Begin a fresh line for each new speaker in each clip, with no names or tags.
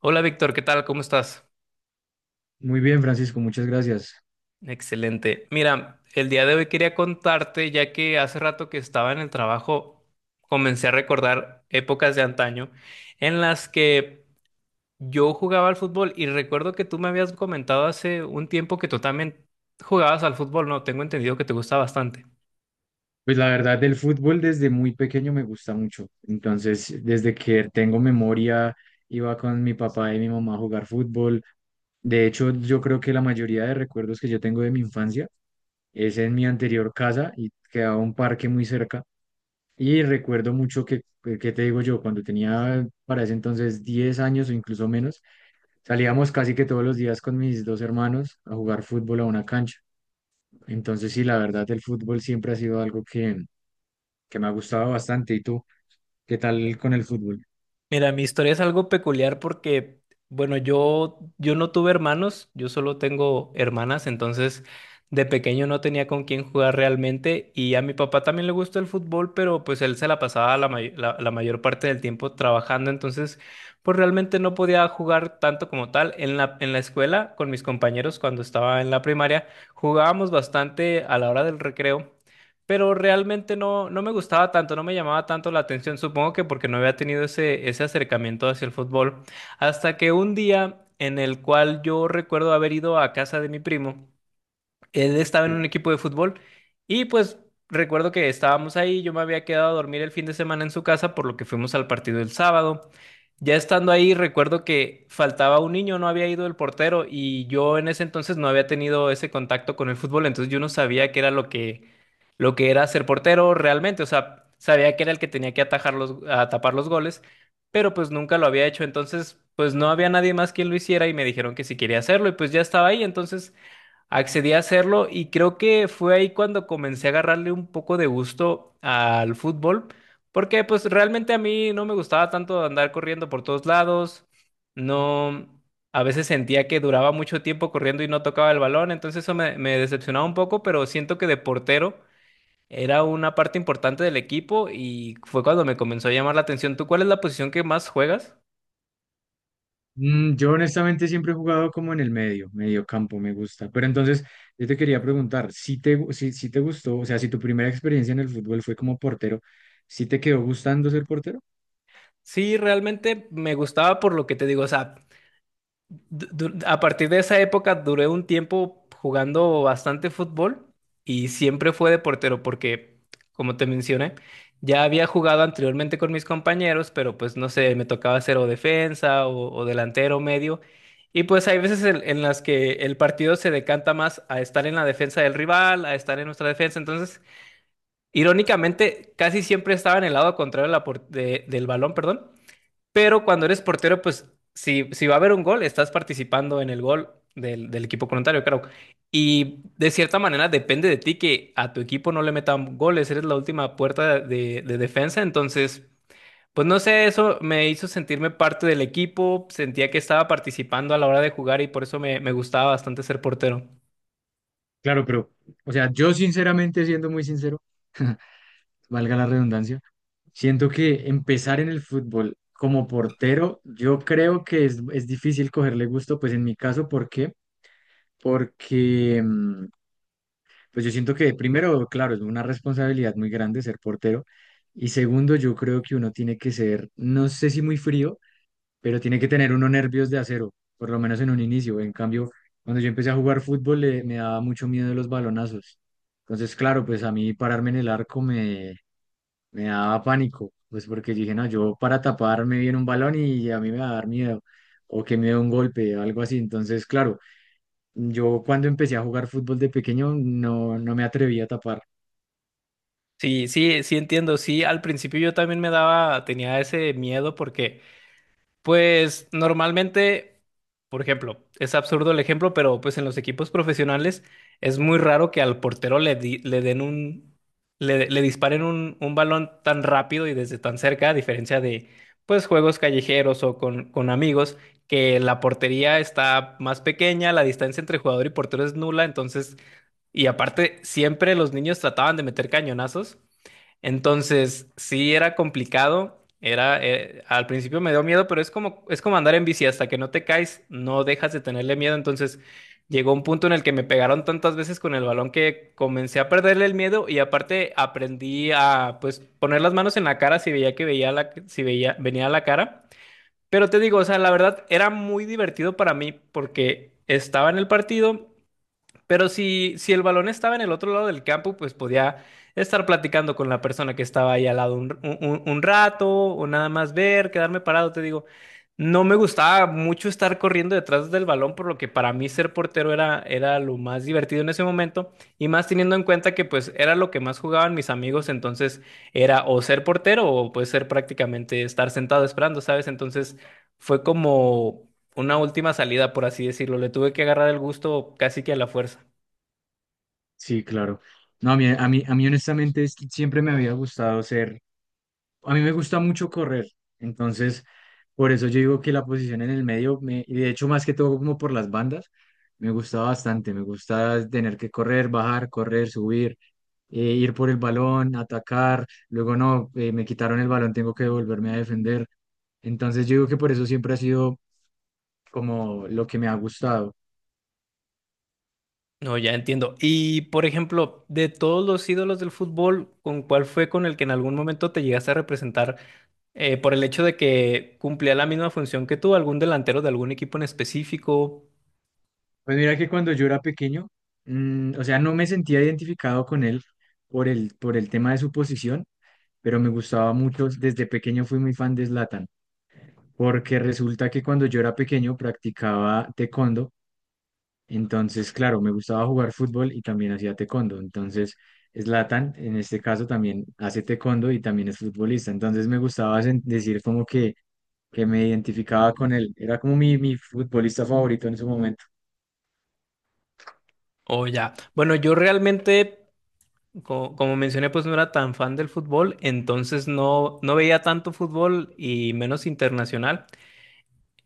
Hola Víctor, ¿qué tal? ¿Cómo estás?
Muy bien, Francisco, muchas gracias.
Excelente. Mira, el día de hoy quería contarte, ya que hace rato que estaba en el trabajo, comencé a recordar épocas de antaño en las que yo jugaba al fútbol y recuerdo que tú me habías comentado hace un tiempo que tú también jugabas al fútbol, ¿no? Tengo entendido que te gusta bastante.
Pues la verdad, del fútbol desde muy pequeño me gusta mucho. Entonces, desde que tengo memoria, iba con mi papá y mi mamá a jugar fútbol. De hecho, yo creo que la mayoría de recuerdos que yo tengo de mi infancia es en mi anterior casa y quedaba un parque muy cerca. Y recuerdo mucho ¿qué te digo yo? Cuando tenía para ese entonces 10 años o incluso menos, salíamos casi que todos los días con mis dos hermanos a jugar fútbol a una cancha. Entonces, sí, la verdad, el fútbol siempre ha sido algo que me ha gustado bastante. ¿Y tú? ¿Qué tal con el fútbol?
Mira, mi historia es algo peculiar porque, bueno, yo no tuve hermanos, yo solo tengo hermanas, entonces de pequeño no tenía con quién jugar realmente y a mi papá también le gusta el fútbol, pero pues él se la pasaba la mayor parte del tiempo trabajando, entonces pues realmente no podía jugar tanto como tal. En la escuela, con mis compañeros cuando estaba en la primaria, jugábamos bastante a la hora del recreo, pero realmente no me gustaba tanto, no me llamaba tanto la atención, supongo que porque no había tenido ese acercamiento hacia el fútbol, hasta que un día en el cual yo recuerdo haber ido a casa de mi primo, él estaba en un
Sí.
equipo de fútbol y pues recuerdo que estábamos ahí, yo me había quedado a dormir el fin de semana en su casa, por lo que fuimos al partido el sábado. Ya estando ahí, recuerdo que faltaba un niño, no había ido el portero y yo en ese entonces no había tenido ese contacto con el fútbol, entonces yo no sabía qué era lo que, era ser portero realmente, o sea, sabía que era el que tenía que a tapar los goles, pero pues nunca lo había hecho, entonces pues no había nadie más quien lo hiciera y me dijeron que si quería hacerlo y pues ya estaba ahí, entonces accedí a hacerlo y creo que fue ahí cuando comencé a agarrarle un poco de gusto al fútbol, porque pues realmente a mí no me gustaba tanto andar corriendo por todos lados, no, a veces sentía que duraba mucho tiempo corriendo y no tocaba el balón, entonces eso me decepcionaba un poco, pero siento que de portero era una parte importante del equipo y fue cuando me comenzó a llamar la atención. ¿Tú cuál es la posición que más juegas?
Yo honestamente siempre he jugado como en el medio, medio campo, me gusta. Pero entonces, yo te quería preguntar, si te gustó, o sea, si tu primera experiencia en el fútbol fue como portero, ¿sí te quedó gustando ser portero?
Sí, realmente me gustaba por lo que te digo, o sea, a partir de esa época duré un tiempo jugando bastante fútbol y siempre fue de portero porque, como te mencioné, ya había jugado anteriormente con mis compañeros, pero pues no sé, me tocaba hacer o defensa o delantero medio. Y pues hay veces en las que el partido se decanta más a estar en la defensa del rival, a estar en nuestra defensa. Entonces, irónicamente, casi siempre estaba en el lado contrario de del balón, perdón. Pero cuando eres portero, pues si, si va a haber un gol, estás participando en el gol del, del equipo contrario, claro. Y de cierta manera depende de ti que a tu equipo no le metan goles, eres la última puerta de defensa, entonces, pues no sé, eso me hizo sentirme parte del equipo, sentía que estaba participando a la hora de jugar y por eso me gustaba bastante ser portero.
Claro, pero, o sea, yo sinceramente, siendo muy sincero, valga la redundancia. Siento que empezar en el fútbol como portero, yo creo que es difícil cogerle gusto, pues en mi caso, ¿por qué? Porque, mm, pues yo siento que primero, claro, es una responsabilidad muy grande ser portero. Y segundo, yo creo que uno tiene que ser, no sé si muy frío, pero tiene que tener unos nervios de acero, por lo menos en un inicio. En cambio, cuando yo empecé a jugar fútbol, me daba mucho miedo los balonazos. Entonces, claro, pues a mí pararme en el arco me me daba pánico, pues porque dije, no, yo para taparme viene un balón y a mí me va a dar miedo, o que me dé un golpe, o algo así. Entonces, claro, yo cuando empecé a jugar fútbol de pequeño no, no me atreví a tapar.
Sí, sí, sí, entiendo, sí, al principio yo también me daba, tenía ese miedo porque pues normalmente, por ejemplo, es absurdo el ejemplo, pero pues en los equipos profesionales es muy raro que al portero le, di- le den un, le disparen un balón tan rápido y desde tan cerca, a diferencia de pues juegos callejeros o con amigos, que la portería está más pequeña, la distancia entre jugador y portero es nula, entonces, y aparte, siempre los niños trataban de meter cañonazos, entonces, sí era complicado, era al principio me dio miedo, pero es como andar en bici hasta que no te caes, no dejas de tenerle miedo, entonces llegó un punto en el que me pegaron tantas veces con el balón que comencé a perderle el miedo y aparte aprendí a pues poner las manos en la cara si veía que veía la si veía venía la cara. Pero te digo, o sea, la verdad era muy divertido para mí porque estaba en el partido, pero si, si el balón estaba en el otro lado del campo, pues podía estar platicando con la persona que estaba ahí al lado un rato o nada más ver, quedarme parado, te digo. No me gustaba mucho estar corriendo detrás del balón, por lo que para mí ser portero era, era lo más divertido en ese momento, y más teniendo en cuenta que pues era lo que más jugaban mis amigos, entonces era o ser portero o pues ser prácticamente estar sentado esperando, ¿sabes? Entonces fue como una última salida, por así decirlo. Le tuve que agarrar el gusto casi que a la fuerza.
Sí, claro. No, a mí honestamente siempre me había gustado ser A mí me gusta mucho correr, entonces por eso yo digo que la posición en el medio, y de hecho más que todo como por las bandas, me gusta bastante, me gusta tener que correr, bajar, correr, subir, ir por el balón, atacar, luego no, me quitaron el balón, tengo que volverme a defender. Entonces yo digo que por eso siempre ha sido como lo que me ha gustado.
No, ya entiendo. Y, por ejemplo, de todos los ídolos del fútbol, ¿con cuál fue con el que en algún momento te llegaste a representar, por el hecho de que cumplía la misma función que tú, algún delantero de algún equipo en específico?
Pues mira que cuando yo era pequeño, o sea, no me sentía identificado con él por el tema de su posición, pero me gustaba mucho. Desde pequeño fui muy fan de Zlatan, porque resulta que cuando yo era pequeño practicaba taekwondo, entonces, claro, me gustaba jugar fútbol y también hacía taekwondo. Entonces, Zlatan, en este caso, también hace taekwondo y también es futbolista. Entonces, me gustaba decir como que me identificaba con él. Era como mi futbolista favorito en ese momento.
O ya. Bueno, yo realmente, como mencioné, pues no era tan fan del fútbol, entonces no veía tanto fútbol y menos internacional.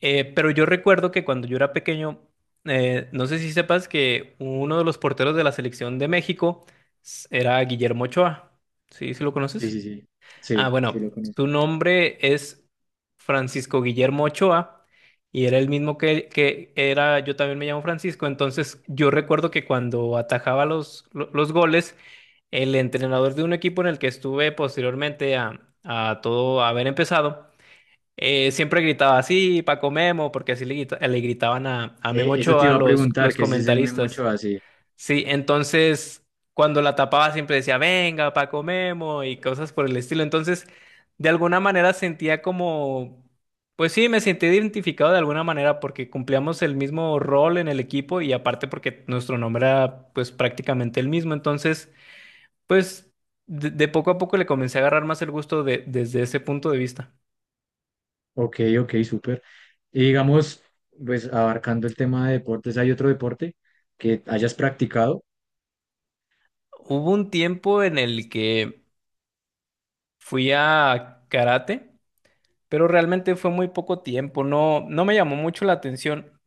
Pero yo recuerdo que cuando yo era pequeño, no sé si sepas que uno de los porteros de la selección de México era Guillermo Ochoa. ¿Sí? ¿Sí lo
Sí,
conoces?
sí, sí.
Ah,
Sí, sí lo
bueno,
conozco.
su nombre es Francisco Guillermo Ochoa y era el mismo que era, yo también me llamo Francisco, entonces yo recuerdo que cuando atajaba los goles, el entrenador de un equipo en el que estuve posteriormente a todo haber empezado, siempre gritaba así, Paco Memo, porque así le gritaban a Memo
Eso te
Ochoa
iba a
los,
preguntar,
los
que si es el mismo
comentaristas.
Ochoa, sí.
Sí, entonces cuando la tapaba siempre decía, venga, Paco Memo y cosas por el estilo. Entonces, de alguna manera sentía como, pues sí, me sentí identificado de alguna manera porque cumplíamos el mismo rol en el equipo y aparte porque nuestro nombre era pues prácticamente el mismo. Entonces, pues de poco a poco le comencé a agarrar más el gusto desde ese punto de vista.
Ok, ok, súper. Y digamos, pues abarcando el tema de deportes, ¿hay otro deporte que hayas practicado?
Hubo un tiempo en el que fui a karate, pero realmente fue muy poco tiempo, no me llamó mucho la atención,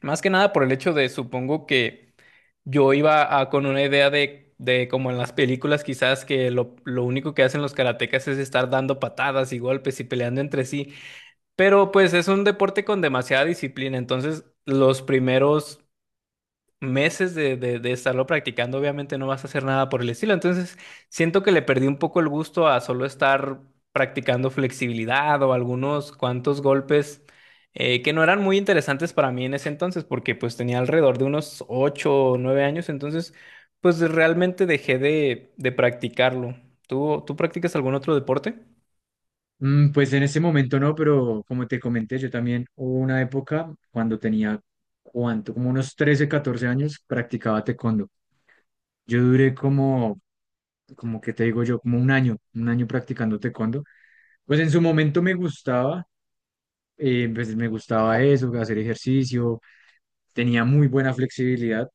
más que nada por el hecho de, supongo que yo con una idea de, como en las películas quizás que lo único que hacen los karatecas es estar dando patadas y golpes y peleando entre sí, pero pues es un deporte con demasiada disciplina, entonces los primeros meses de estarlo practicando, obviamente no vas a hacer nada por el estilo. Entonces, siento que le perdí un poco el gusto a solo estar practicando flexibilidad o algunos cuantos golpes, que no eran muy interesantes para mí en ese entonces, porque pues tenía alrededor de unos 8 o 9 años, entonces pues realmente dejé de practicarlo. ¿Tú practicas algún otro deporte?
Pues en ese momento no, pero como te comenté, yo también hubo una época cuando tenía, ¿cuánto? Como unos 13 14 años, practicaba taekwondo. Yo duré como, que te digo yo, como un año practicando taekwondo. Pues en su momento me gustaba, pues me gustaba eso, hacer ejercicio, tenía muy buena flexibilidad,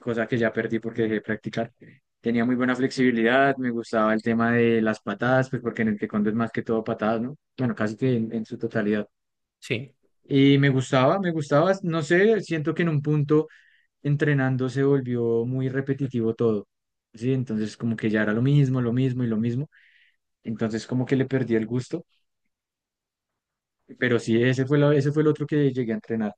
cosa que ya perdí porque dejé de practicar. Tenía muy buena flexibilidad, me gustaba el tema de las patadas, pues porque en el taekwondo es más que todo patadas, ¿no? Bueno, casi que en su totalidad.
Sí.
Y me gustaba, no sé, siento que en un punto entrenando se volvió muy repetitivo todo, ¿sí? Entonces como que ya era lo mismo y lo mismo, entonces como que le perdí el gusto, pero sí, ese fue, ese fue el otro que llegué a entrenar.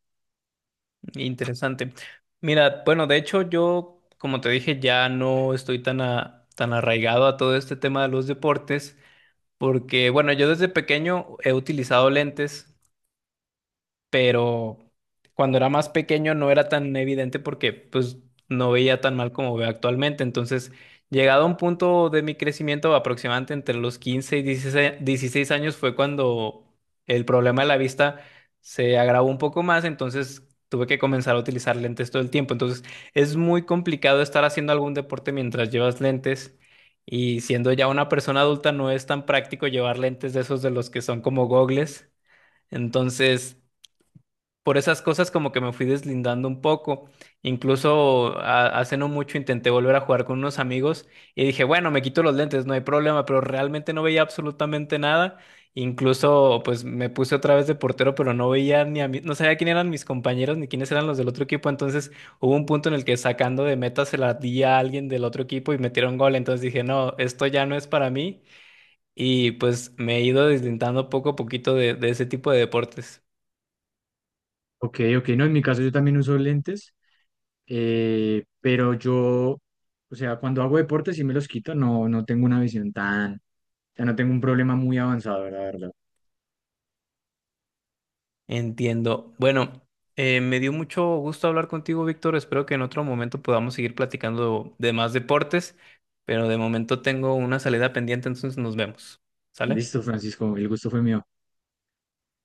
Interesante. Mira, bueno, de hecho yo, como te dije, ya no estoy tan arraigado a todo este tema de los deportes, porque, bueno, yo desde pequeño he utilizado lentes, pero cuando era más pequeño no era tan evidente porque pues no veía tan mal como veo actualmente. Entonces, llegado a un punto de mi crecimiento aproximadamente entre los 15 y dieciséis años fue cuando el problema de la vista se agravó un poco más, entonces tuve que comenzar a utilizar lentes todo el tiempo. Entonces, es muy complicado estar haciendo algún deporte mientras llevas lentes. Y siendo ya una persona adulta, no es tan práctico llevar lentes de esos de los que son como gogles. Entonces, por esas cosas como que me fui deslindando un poco. Incluso hace no mucho intenté volver a jugar con unos amigos y dije, bueno, me quito los lentes, no hay problema, pero realmente no veía absolutamente nada. Incluso pues me puse otra vez de portero, pero no veía ni a mí, no sabía quién eran mis compañeros ni quiénes eran los del otro equipo. Entonces hubo un punto en el que sacando de meta se la di a alguien del otro equipo y metieron gol. Entonces dije, no, esto ya no es para mí. Y pues me he ido deslindando poco a poquito de ese tipo de deportes.
Ok, ok, no, en mi caso yo también uso lentes. Pero yo, o sea, cuando hago deporte sí me los quito, no, no tengo una visión tan, o sea, no tengo un problema muy avanzado, la verdad.
Entiendo. Bueno, me dio mucho gusto hablar contigo, Víctor. Espero que en otro momento podamos seguir platicando de más deportes, pero de momento tengo una salida pendiente, entonces nos vemos. ¿Sale?
Listo, Francisco, el gusto fue mío.